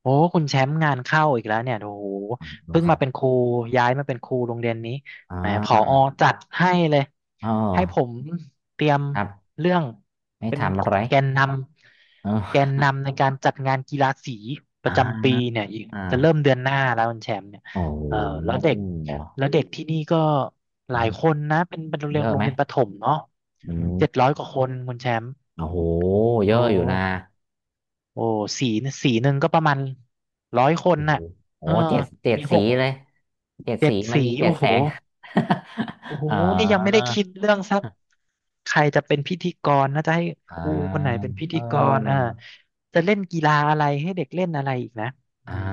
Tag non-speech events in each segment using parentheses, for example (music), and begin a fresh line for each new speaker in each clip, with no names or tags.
โอ้คุณแชมป์งานเข้าอีกแล้วเนี่ยโอ้โห
รู้
เพิ่ง
ครั
มาเป็น
บ
ครูย้ายมาเป็นครูโรงเรียนนี้
อ่
แหมผอ
า
จัดให้เลย
อ๋อ
ให้ผมเตรียม
ครับ
เรื่อง
ไม่
เป็น
ทำอะไร
แกนน
เ
ำแกน
ออ
นำในการจัดงานกีฬาสีป
อ่
ระจำปี
า
เนี่ยอีก
อ่
จะเริ่ม
า
เดือนหน้าแล้วคุณแชมป์เนี่ย
โอ้โห
เออแล้วเด็กแล้วเด็กที่นี่ก็หลา
ไม่
ยคนนะเป็นโรงเรี
เย
ยน
อะ
โร
ไห
ง
ม
เรียนประถมเนาะ
อืม
700กว่าคนคุณแชมป์
โอ้โหเย
โอ้
อะอยู่นะ
โอ้สีสีหนึ่งก็ประมาณร้อยคน
โอ้โห
น่ะ
โอ้
เออ
เจ็ด
มีห
สี
ก
เลย เจ็ด
เจ็
สี
ด
มัน
สี
มีเจ็
โอ้
ดแส
โห
ง
โอ้
(laughs)
โห
เออ
นี่ยังไม่ได้คิดเรื่องสักใครจะเป็นพิธีกรนะจะให้
อ่า
ครูคนไหนเป็นพิ
เอ
ธี
อ
กรจะเล่นกีฬาอะไรให้เด็กเล่นอะไรอีกนะอื
อ่า
ม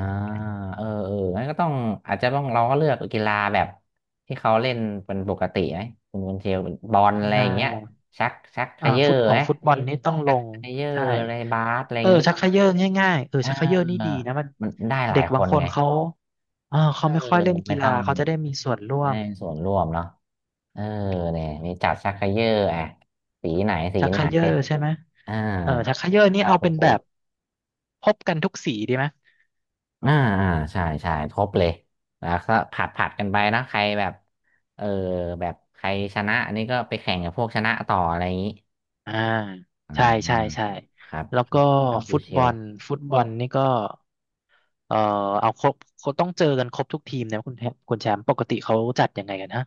เอองั้นก็ต้องอาจจะต้องเราก็เลือกกีฬาแบบที่เขาเล่นเป็นปกติไหมคุณเชลเป็นบอล
กี
อะไรอ
ฬา
ย่างเงี้ยชักเขย่อไหม
ฟุตบอลนี่ต้องล
ชัก
ง
เขย่อ
ใช่
อะไรบาสอะไรอ
เอ
ย่า
อ
งงี้
ชักเขย่อง่ายๆเออ
เอ
ชักเขย่อนี่ดี
อ
นะมัน
มันได้ห
เด็
ลาย
ก
ค
บาง
น
คน
ไง
เขาเออ
เออ
เขาไม่ค่อยเล่นกี
ไม่
ฬา
ต้อง
เขาจะได้มีส่วนร่ว
ได้
ม
ส่วนร่วมเนาะเออเนี่ยมีจัดชักเขย่ออ่ะสีไหนสี
ชัก
ไห
ไค
น
เยอร์ใช่ไหม
อ่
เออชักไค
า
เยอร์นี่
อ่า
เอา
คุ
เป็
ณ
น
เช
แบ
ล
บพบกันทุกสีดีไหม
อ่าอ่าใช่ครบเลยแล้วก็ผัดกันไปนะใครแบบเออแบบใครชนะอันนี้ก็ไปแข่งกับพวกชนะต่ออะไรอย่างนี้
อ่า
อ่
ใช่ใช่
า
ใช่
ครับ
แล้ว
ครั
ก็
บครับบู
ฟุต
เช
บอล
ล
ฟุตบอลนี่ก็เออเอาครบเขาต้องเจอกันครบทุกทีมนะคุณแชมป์ปกติเขาจัดยังไงกันฮะ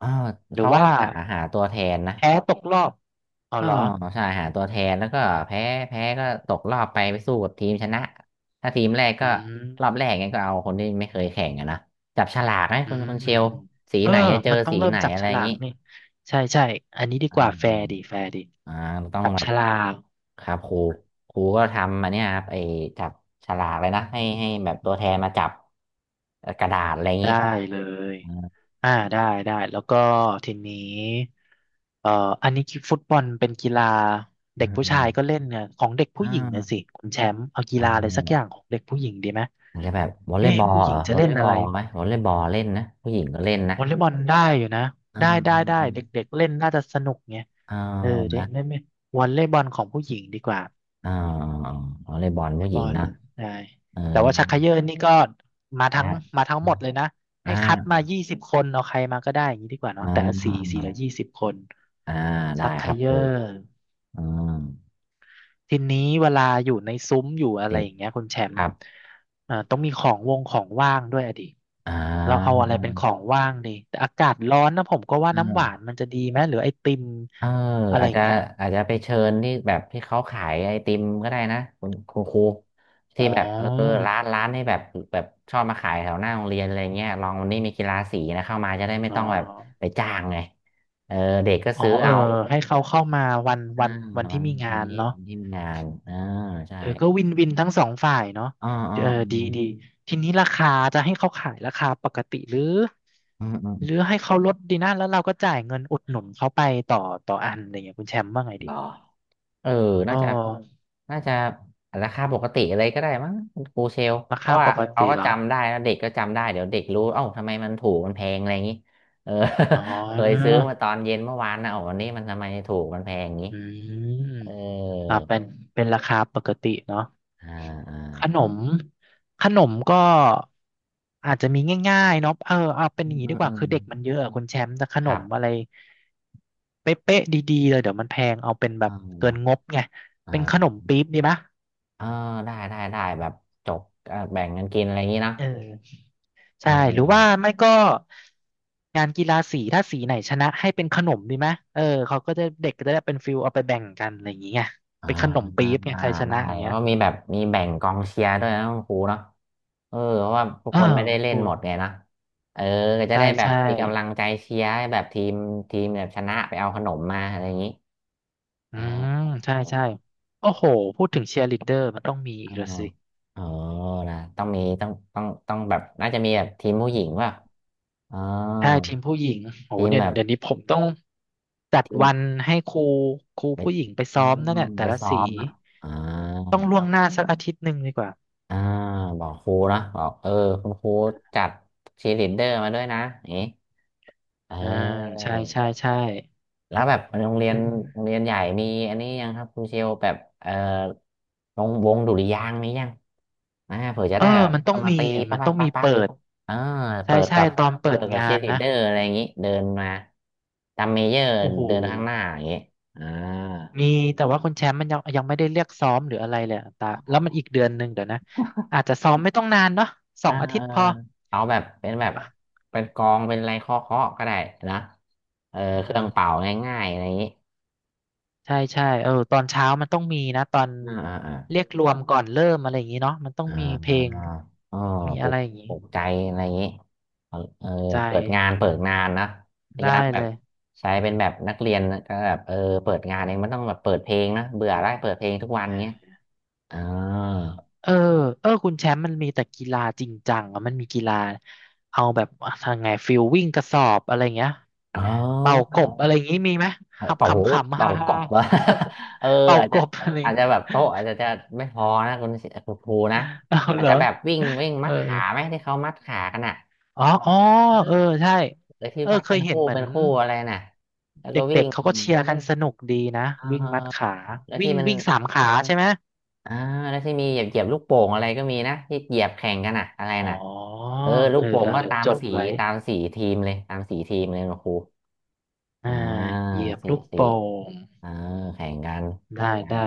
ออ
หรือ
เขา
ว่า
หาตัวแทนนะ
แพ้ตกรอบเอา
อ๋อ
เหรอ
ใช่หาตัวแทนแล้วก็แพ้แพ้ก็ตกรอบไปไปสู้กับทีมชนะถ้าทีมแรก
อื
ก็รอบ
ม
แรกงั้นก็เอาคนที่ไม่เคยแข่งอะนะจับฉลากให้
อื
ค
ม
น
อื
ค
ม
นเช
อื
ล
ม
สี
เออ
ไหนจะเจอ
มันต้อง
สี
เริ่
ไห
ม
น
จับ
อะไร
ฉ
อย่า
ลา
ง
ก
นี้
นี่ใช่ใช่อันนี้ดี
อ่า
กว่าแฟร์ดีแฟร์ดี
อ่าต้อง
จับ
แบ
ฉ
บ
ลาก
ครับครูก็ทำมาเนี่ยครับไอ้จับฉลากเลยนะให้แบบตัวแทนมาจับกระดาษอะไรอย่างนี้
ได้เลย
อ่า
อ่าได้ได้แล้วก็ทีนี้เอ่ออันนี้ฟุตบอลเป็นกีฬา
อื
เด็ก
ม
ผู้
อื
ชา
ม
ยก็เล่นไงของเด็กผู้
อ่
หญิงนะสิ
า
คุณแชมป์เอากี
อ่
ฬาอะไรสักอย่า
า
งของเด็กผู้หญิงดีไหม
มันจะแบบวอลเลย์
เอ๊ะ
บอล
ผู้ห
เห
ญิ
ร
ง
อ
จะ
วอล
เล่
เล
น
ย์บ
อะ
อ
ไร
ลไหมวอลเลย์บอลเล่นนะผู้หญิงก็เล่นนะ
วอลเลย์บอลได้อยู่นะ
อ่า
ได้ได้
อืม
ได้
อืม
เด็กๆเล่นน่าจะสนุกไง
อ่า
เออเด็ก
นะ
เล่นไหมวอลเลย์บอลของผู้หญิงดีกว่า
อ่าวอลเลย์บอล
ไต
ผู้หญิ
บ
ง
อล
นะ
ใช่
เออ
แต่ว่าชักเขย่อนี่ก็มาทั้ง
ได้
มาทั้งหมดเลยนะให้คัด
อ่า
มายี่สิบคนเอาใครมาก็ได้อย่างนี้ดีกว่า
อ่
เนาะแต่ละสีสี
า
ละยี่สิบคน
อ่าได้
ชักเข
ครับค
ย่
รู
อ
อ่า
ทีนี้เวลาอยู่ในซุ้มอยู่อะไร
เต็ม
อย่างเงี้ยคุณแชม
ค
ป์
รับ
อ่าต้องมีของว่างด้วยอะดิ
อ่
เราเอา
า
อะไรเป็นของว่างดีแต่อากาศร้อนนะผมก็ว่า
เอ
น้ำหวาน
อ
มันจะดีไหมหรือไอติม
เออ
อะไร
อาจ
อย่าง
จะ
เงี้ย
อาจจะไปเชิญที่แบบที่เขาขายไอติมก็ได้นะคุณครู
อ๋
ที่
อ
แบบเออร้านที่แบบแบบชอบมาขายแถวหน้าโรงเรียนอะไรเงี้ยลองวันนี้มีกีฬาสีนะเข้ามาจะได้ไม่
อ๋อ
ต้องแบบไปจ้างไงเออเด็กก็
อ๋อ
ซื้อ
เออ
เอา
ให้เขาเข้ามาวัน
อ่า
วันวัน
วั
ที่
น
มีงา
วัน
น
นี้
เนาะ
วันที่มีงานอ่าใช่
เออก็วินวินทั้งสองฝ่ายเนาะ
อ๋ออ๋อ
เออ
อื
ดี
ม
ดีทีนี้ราคาจะให้เขาขายราคาปกติหรือ
อืมอืม
หรือให้เขาลดดีนะแล้วเราก็จ่ายเงินอุดหนุนเขาไปต่อต่ออันอะไรเงี้ยคุณแชมป์ว่าไง
เห
ดี
รอ เออ
อ๋อ
น่าจะน่าจะราคาปกติอะไรก็ได้มั้งคุณครูเชล
รา
เพ
คา
ราะว่า
ปก
เขา
ติ
ก็
เหรอ
จำได้นะเด็กก็จำได้เดี๋ยวเด็กรู้เอ้าทำไมมันถูกมันแพงอะไรอย่างนี้เออ
อ๋อ
(laughs) เคยซื้อมาตอนเย็นเมื่อวานนะโอ้วันนี้มันทำไมถูกมันแพงอย่างนี้
อืม
เอ
อ่า
อ
เป็นเป็นราคาปกติเนาะ
อ่าอ่า
ขนมขนมก็อาจจะมีง่ายๆเนาะเออเอาเป็นอ
อื
ย่า
ม
งนี้
อื
ดี
ม
ก
อื
ว่า
ม
คือเด็กมันเยอะอะคุณแชมป์แต่ข
ค
น
รั
มอะ
บ
ไรเป๊ะๆดีๆเลยเดี๋ยวมันแพงเอาเป็นแบ
อ่
บเกินง
า
บไงเป็นข
อ่า
นมปี๊บดีปะ
เออได้ได้ได้แบบจกแบ่งกันกินอะไรอย่างนี้เนอะ
เออใช่หรือ
เออ
ว่าไม่ก็งานกีฬาสีถ้าสีไหนชนะให้เป็นขนมดีไหมเออเขาก็จะเด็กก็จะได้เป็นฟิลเอาไปแบ่งกันอะไรอย่างเงี้ย
อ่
เป็นขนม
าได้
ปี๊บ
เ
ไงใครชนะอย่าง
พ
เงี้ย
ราะมีแบบมีแบ่งกองเชียร์ด้วยนะคุณครูเนาะ เออเพราะว่าทุก
อ่า
คนไม่ได้
คุณ
เล่
ค
น
รู
หมดไงนะเออก็จะ
ใช่
ได้แบบ
ใช่
มีกำลังใจเชียร์ให้แบบทีมทีมแบบชนะไปเอาขนมมาอะไรอย่างนี้
อื
อ๋
ม
อ
ใช่ใช่โอ้โหพูดถึงเชียร์ลีดเดอร์มันต้องมีอี
อ๋อ
กแล้วสิ
อ๋อนะต้องมีต้องแบบน่าจะมีแบบทีมผู้หญิงว่าอ๋อ
ใช่ทีมผู้หญิงโห
ทีม
เนี่
แบ
ย
บ
เดี๋ยวนี้ผมต้องจัด
ทีม
วันให้ครู
ไป
ผู้หญิงไป
อ๋
ซ้
อ
อมนั่นเนี่ยแต่
ไป
ละ
ซ้อ
สี
มนะอ่า
ต้องล่ว
ต้อ
ง
ง
หน้าสักอาทิตย์หนึ่งดีกว่า
อ่าบอกครูนะบอกเออคุณครูจัดชีลิดเดอร์มาด้วยนะอย่างนี้เอ
อ่าใช่ใช่
อ
ใช่
แล้วแบบโรงเรี
จ
ยน
ริง
โรงเรียนใหญ่มีอันนี้ยังครับคุณเชลแบบเอ่อวงดุริยางค์มียังอ่าเผื่อจะ
เออ
ได้แบบเอามาตีปั๊
มั
บ
น
ปั๊
ต้
บ
อง
ปั๊
มี
บปั๊บ
เปิด
เออ
ใช่
เปิด
ใช่
กับ
ตอนเปิ
เปิ
ด
ดกับ
งา
เชีย
น
ร์ลีด
นะ
เดอร์อะไรอย่างงี้เดินมาตามเมเยอร์
โอ้โห
เดินข้างหน้าอย่างงี้อ่า
มีแต่ว่าคุณแชมป์มันยังไม่ได้เรียกซ้อมหรืออะไรเลยอะตา
อ๋
แล้
อ
วมันอีกเดือนหนึ่งเดี๋ยวนะอาจจะซ้อมไม่ต้องนานเนาะสอ
อ่า
งอา
เอ
ทิ
อ
ตย์พอ
เอาแบบเป็นแบบ
เดี๋ยว
เป็นกองเป็นอะไรเคาะๆก็ได้นะเออ
เอ
เครื่อง
อ
เป่าง่ายๆอะไรอย่างงี้
ใช่ใช่เออตอนเช้ามันต้องมีนะตอน
อ่าอ่า
เรียกรวมก่อนเริ่มอะไรอย่างนี้เนาะมันต้อง
อ่
มีเพลง
าอ๋อ
มี
ปลุ
อะไร
ก
อย่างนี้
ปลุกใจอะไรอย่างนี้เอาเออเปิด
ใจ
งานเปิดงานนะพยายา
ได้
มแบ
เล
บ
ย
ใช้เป็นแบบนักเรียนก็แบบเออเปิดงานเองมันต้องแบบเปิดเพลงนะเบื่อได้เปิดเพลงทุกวัน
อ่
เงี้ย
า
อ่า
เออเออคุณแชมป์มันมีแต่กีฬาจริงจังอะมันมีกีฬาเอาแบบทางไงฟิลวิ่งกระสอบอะไรเงี้ย
อ๋อ
เป่ากบอะไรอย่างงี้มีไหม
เออ
ขับ
เป่าหู
ขำขำๆ
เป่า
ฮ่า
ก
ฮ่า
บวะ
(laughs)
(laughs) เออ
ๆเป่า
อาจ
ก
จะ
บอะไร
อาจจะแบบโต๊ะอาจจะไม่พอนะคุณครูนะ
(laughs) เอา
อา
เห
จ
รอ
จะแบบวิ่งวิ่ง
เอ
มั
อ
ดขาไหมที่เขามัดขากันอ่ะ
อ๋ออ๋อเออ
เออ
ใช่
เลยที่
เออ
วัด
เค
เป็
ย
น
เห็
คู่
นเหมือ
เป็
น
นคู่อะไรน่ะแล้ว
เด
ก็วิ่
็
ง
กๆเขาก็เชียร์กันสนุกดีนะ
เอ
วิ่งมัด
อ
ขา
แล้ว
วิ่
ที่
ง
มัน
วิ่งสามขาใช่ไหม
อ่าแล้วที่มีเหยียบลูกโป่งอะไรก็มีนะที่เหยียบแข่งกันอ่ะอะไร
อ๋อ
น่ะเออลู
เอ
ก
อ
โป่
เอ
ง
อ
ก็
เดี๋ยว
ตาม
จด
สี
ไว้
ตามสีทีมเลยตามสีทีมเลยนะครู อ่า
อ่าเหยียบ
สี
ลูก
สี
โป่ง
เออแข่งกัน
ได้
นะ
ได้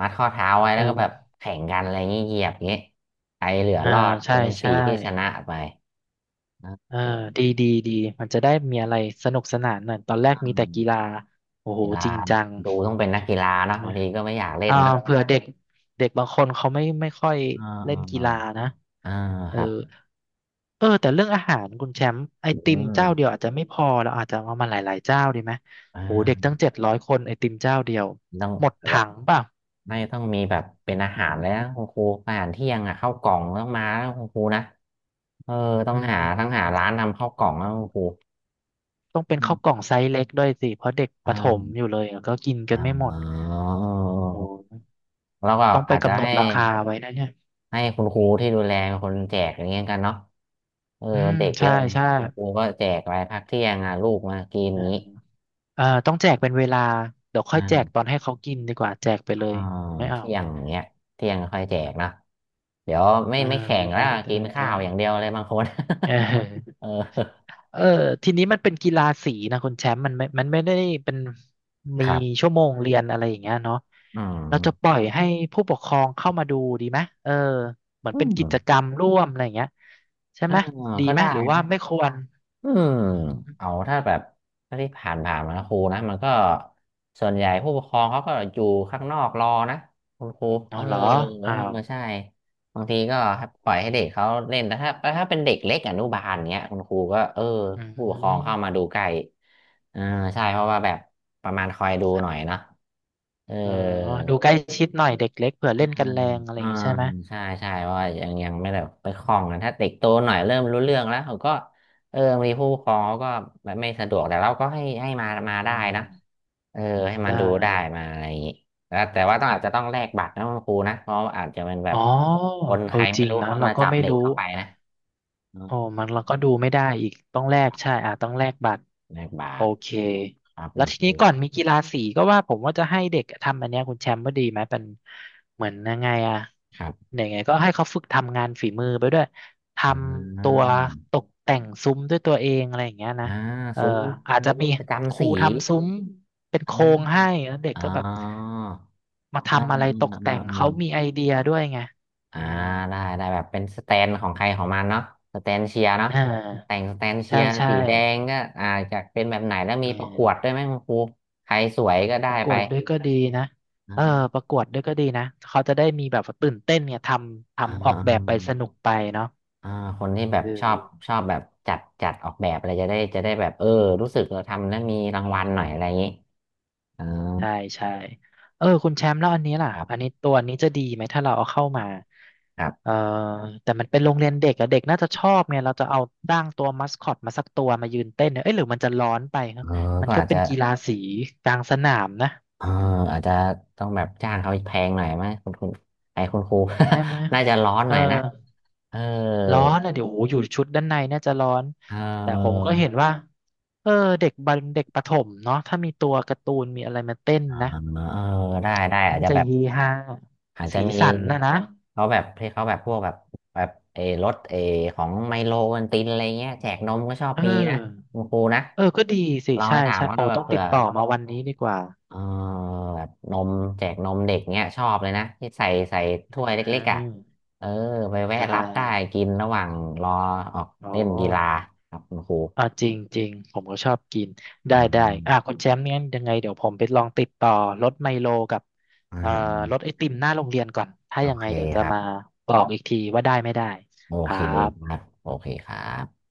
มัดข้อเท้าไว้
เอ
แล้วก็แบบ
อ
แข่งกันอะไรงี้เหยียบอย่างงี้ใครเหลือ
อ่า
รอด
ใช่
จะเป็นสี
ใช่
ที่ชนะไปนะ
เออ
เออ
ดีดีดีมันจะได้มีอะไรสนุกสนานหน่อยตอนแรก
อื
มีแต่กีฬา
ม
โอ้โห
กีฬา
จริงจัง
ดูต้องเป็นนักกีฬาเนาะบา
นะ
งทีก็ไม่อยากเล่น
อ่า
เนาะ
เผื่อเด็กเด็กบางคนเขาไม่ค่อย
อ่า
เล่
อ่า
นกี
อ่า
ฬานะ
อ่า
เอ
ค
อ
รับ
เออแต่เรื่องอาหารคุณแชมป์ไอ
อื
ติมเจ้าเดียว
ม
อาจจะไม่พอเราอาจจะเอามาหลายๆเจ้าดีไหม
อ่
โอ้โหเด็ก
า
ตั้ง700คนไอติมเจ้าเดียว
ต้อง
หมด
แบบ
ถั
ว่า
งเปล่ะ
ไม่ต้องมีแบบเป็นอาหารเลยนะคุณครูอาหารเที่ยงอ่ะข้าวกล่องต้องมาแล้วคุณครูนะเออต้อ
อื
งหา
ม
ร้านทำข้าวกล่องแล้วคุณครู
ต้องเป็น
อื
ข้าวกล่อ
ม
งไซส์เล็กด้วยสิเพราะเด็กประถม
อ่า
อยู่เลยอะก็กินกัน
อ่า
ไม่หมด
อ๋อ
โอ้โห
แล้วก็
ต้องไป
อาจจะ
กำหนด
ให้
ราคาไว้นะเนี่ย
ให้คุณครูที่ดูแลเป็นคนแจกอย่างเงี้ยกันเนาะเออ
อืม
เด็กเย
ใช่
อะเลย
ใช่
คุณครูก็แจกไปพักเที่ยงอ่ะลูกมากิน
อ่า
นี้
ต้องแจกเป็นเวลาเดี๋ยวค่อ
อ่า
ยแจกต
ี้
อนให้เขากินดีกว่าแจกไป
อ่า
เลยไม่เอา
เที่ยงเงี้ยเที่ยงค่อยแจกนะเดี๋ยวไม่
อ่า
ไม่แข่ง
ได้
แล้ว
ได้
กิน
ได้
ข้า
ได้
วอย่างเดียวเลยบางคน
เ
(laughs)
ออ
เออ
เออทีนี้มันเป็นกีฬาสีนะคุณแชมป์มันไม่ได้เป็นมี
ครับ
ชั่วโมงเรียนอะไรอย่างเงี้ยเนาะ
อื
เราจะป
ม
ล่อยให้ผู้ปกครองเข้ามาดูดีไหมเออเหมือน
อื
เป็นกิจ
ม
กรรมร่วมอะไรอย่างเงี้ยใช่
อ่า
ไหมดี
ก็
ไหม
ได้
หรือว่า
นะ
ไม่ควร
อืม
อืม
เอาถ้าแบบถ้าที่ผ่านมานะครูนะมันก็ส่วนใหญ่ผู้ปกครองเขาก็อยู่ข้างนอกรอนะคุณครูเอ
เอา
อ
เหรอ
เออ
อ้าว
ใช่บางทีก็ปล่อยให้เด็กเขาเล่นแต่ถ้าเป็นเด็กเล็กอนุบาลเนี้ยคุณครูก็เออ
อื
ผู้ปกครองเข้ามา
ม
ดูใกล้เออใช่เพราะว่าแบบประมาณคอยดูหน่อยเนาะเออ
เออดูใกล้ชิดหน่อยเด็กเล็กเผื่อ
อื
เล่นกันแร
ม
งอะไรอ
อื
ย่าง
ม
งี้ใช่ไหม
ใช่ใช่ว่ายังไม่แบบไปคล่องกันถ้าเด็กโตหน่อยเริ่มรู้เรื่องแล้วเขาก็เออมีผู้ปกครองเขาก็แบบไม่สะดวกแต่เราก็ให้มาได้
อืม
นะเออให้มา
ได้
ดูได้มาอะไรอย่างงี้แล้วแต่ว่าต้องอาจจะต้องแลกบัตรนะคุณครูนะเพราะอาจจะเป็นแบ
อ๋
บ
อ
คน
เอ
ใค
อ
ร
จ
ไม่
ริง
รู้
นะ
เข้า
เรา
มา
ก็
จับ
ไม่
เด็ก
รู้
เข้าไปนะอืม
โอ้มันเราก็ดูไม่ได้อีกต้องแลกใช่อ่ะต้องแลกบัตร
แลกบั
โอ
ตร
เค
ครับ
แล้
คุ
ว
ณ
ที
ครู
นี้ก่อนมีกีฬาสีก็ว่าผมว่าจะให้เด็กทำอันเนี้ยคุณแชมป์ว่าดีไหมเป็นเหมือนยังไงอะ
ครับ
ยังไงก็ให้เขาฝึกทำงานฝีมือไปด้วย ท
อ่
ำตั
า
วตกแต่งซุ้มด้วยตัวเองอะไรอย่างเงี้ยนะ
อ่า
เออ
ซุ้ม
อาจจะ
ซุ้ม
มี
ประ
ค
จำ
รู
สี
ทำซุ้มเป็นโคร
อ่า
งให้แล้วเด็ก
อ๋
ก็
อ
แบบมา
อ่า
ทำ
อ่
อะไรตก
า
แต่ง
อ่า
เขามีไอเดียด้วยไง
อ่า
อืม
ได้ได้แบบเป็นสแตนของใครของมันเนาะสแตนเชียร์เนาะ
อ่
แต่
า
งสแตนเชี
ใช่
ยร์
ใช่
สีแดงก็อ่าจะเป็นแบบไหนแล้ว
เอ
มีประกวดด้ว
อ
ยไหมคุณครูใครสวยก็ได้
ประก
ไป
วดด้วยก็ดีนะ
อ่
เออ
า
ประกวดด้วยก็ดีนะเขาจะได้มีแบบว่าตื่นเต้นเนี่ยทำ
อ่า
ทำออ
อ่า
กแบบไปสนุกไปเนาะ
อ่าคนที่แบบชอบ
เอ
ชอบแบบจัดออกแบบอะไรจะได้แบบเออ
ออืม
รู้สึกเราทำแล้วมีรางวัลหน่อยอะไรอย่างนี้อ่า
ใช่ใช่เออคุณแชมป์แล้วอันนี้ล่ะ
ครั
อันนี้
บ
ตัวนี้จะดีไหมถ้าเราเอาเข้ามา
ครั
เอ
บ
อแต่มันเป็นโรงเรียนเด็กอะเด็กน่าจะชอบเนี่ยเราจะเอาตั้างตัวมัสคอตมาสักตัวมายืนเต้นเนี่ยเอ้ยหรือมันจะร้อนไปครั
เอ
บ
อ
มัน
ก็
ก็
อาจ
เป็
จะ
นกีฬาสีกลางสนามนะ
เอออาจจะต้องแบบจ้างเขาแพงหน่อยไหมคุณไอ้คุณครู
ใช่ไหม
(laughs) น่าจะร้อน
เอ
ห
อ
น่อยนะเออ
ร้อนอ่ะเดี๋ยวโอ้โหอยู่ชุดด้านในน่าจะร้อน
เอ
แต่ผม
อ
ก็เห็นว่าเออเด็กบันเด็กประถมเนาะถ้ามีตัวการ์ตูนมีอะไรมาเต้น
อ่า
นะ
เออได้ได้อาจ
มัน
จะ
จะ
แบบ
เฮฮา
อาจจะ
สี
มี
สันนะนะ
เขาแบบที่เขาแบบพวกแบบแบบเออรถเออของไมโลวันตินอะไรเงี้ยแจกนมก็ชอบ
เอ
มีนะ
อ
คุณครูนะ
เออก็ดีสิ
ลองไป
ใช่
ถาม
ใช่
เขา
โอ้
ดูแบ
ต้
บ
อง
เผื่
ติ
อ
ดต่อมาวันนี้ดีกว่า
เออแบบนมแจกนมเด็กเงี้ยชอบเลยนะที่ใส่ถ้วย
อ่า
เล็กๆอ่ะเออไปแวะ
ได้
รับได้กินระหว่างรอออก
อ๋อ
เล่นกีฬาครับคุณครู
จริงจริงผมก็ชอบกินได้
อื
ได้อ่ะคุ
ม
ณแชมป์เนี่ยยังไงเดี๋ยวผมไปลองติดต่อรถไมโลกับ
อื
เอ่อร
ม
ถไอติมหน้าโรงเรียนก่อนถ้า
โอ
ยังไง
เค
เดี๋ยวจะ
ครั
มา
บ
บอกอีกทีว่าได้ไม่ได้
โอ
ครั
เคค
บ
รับโอเคครับ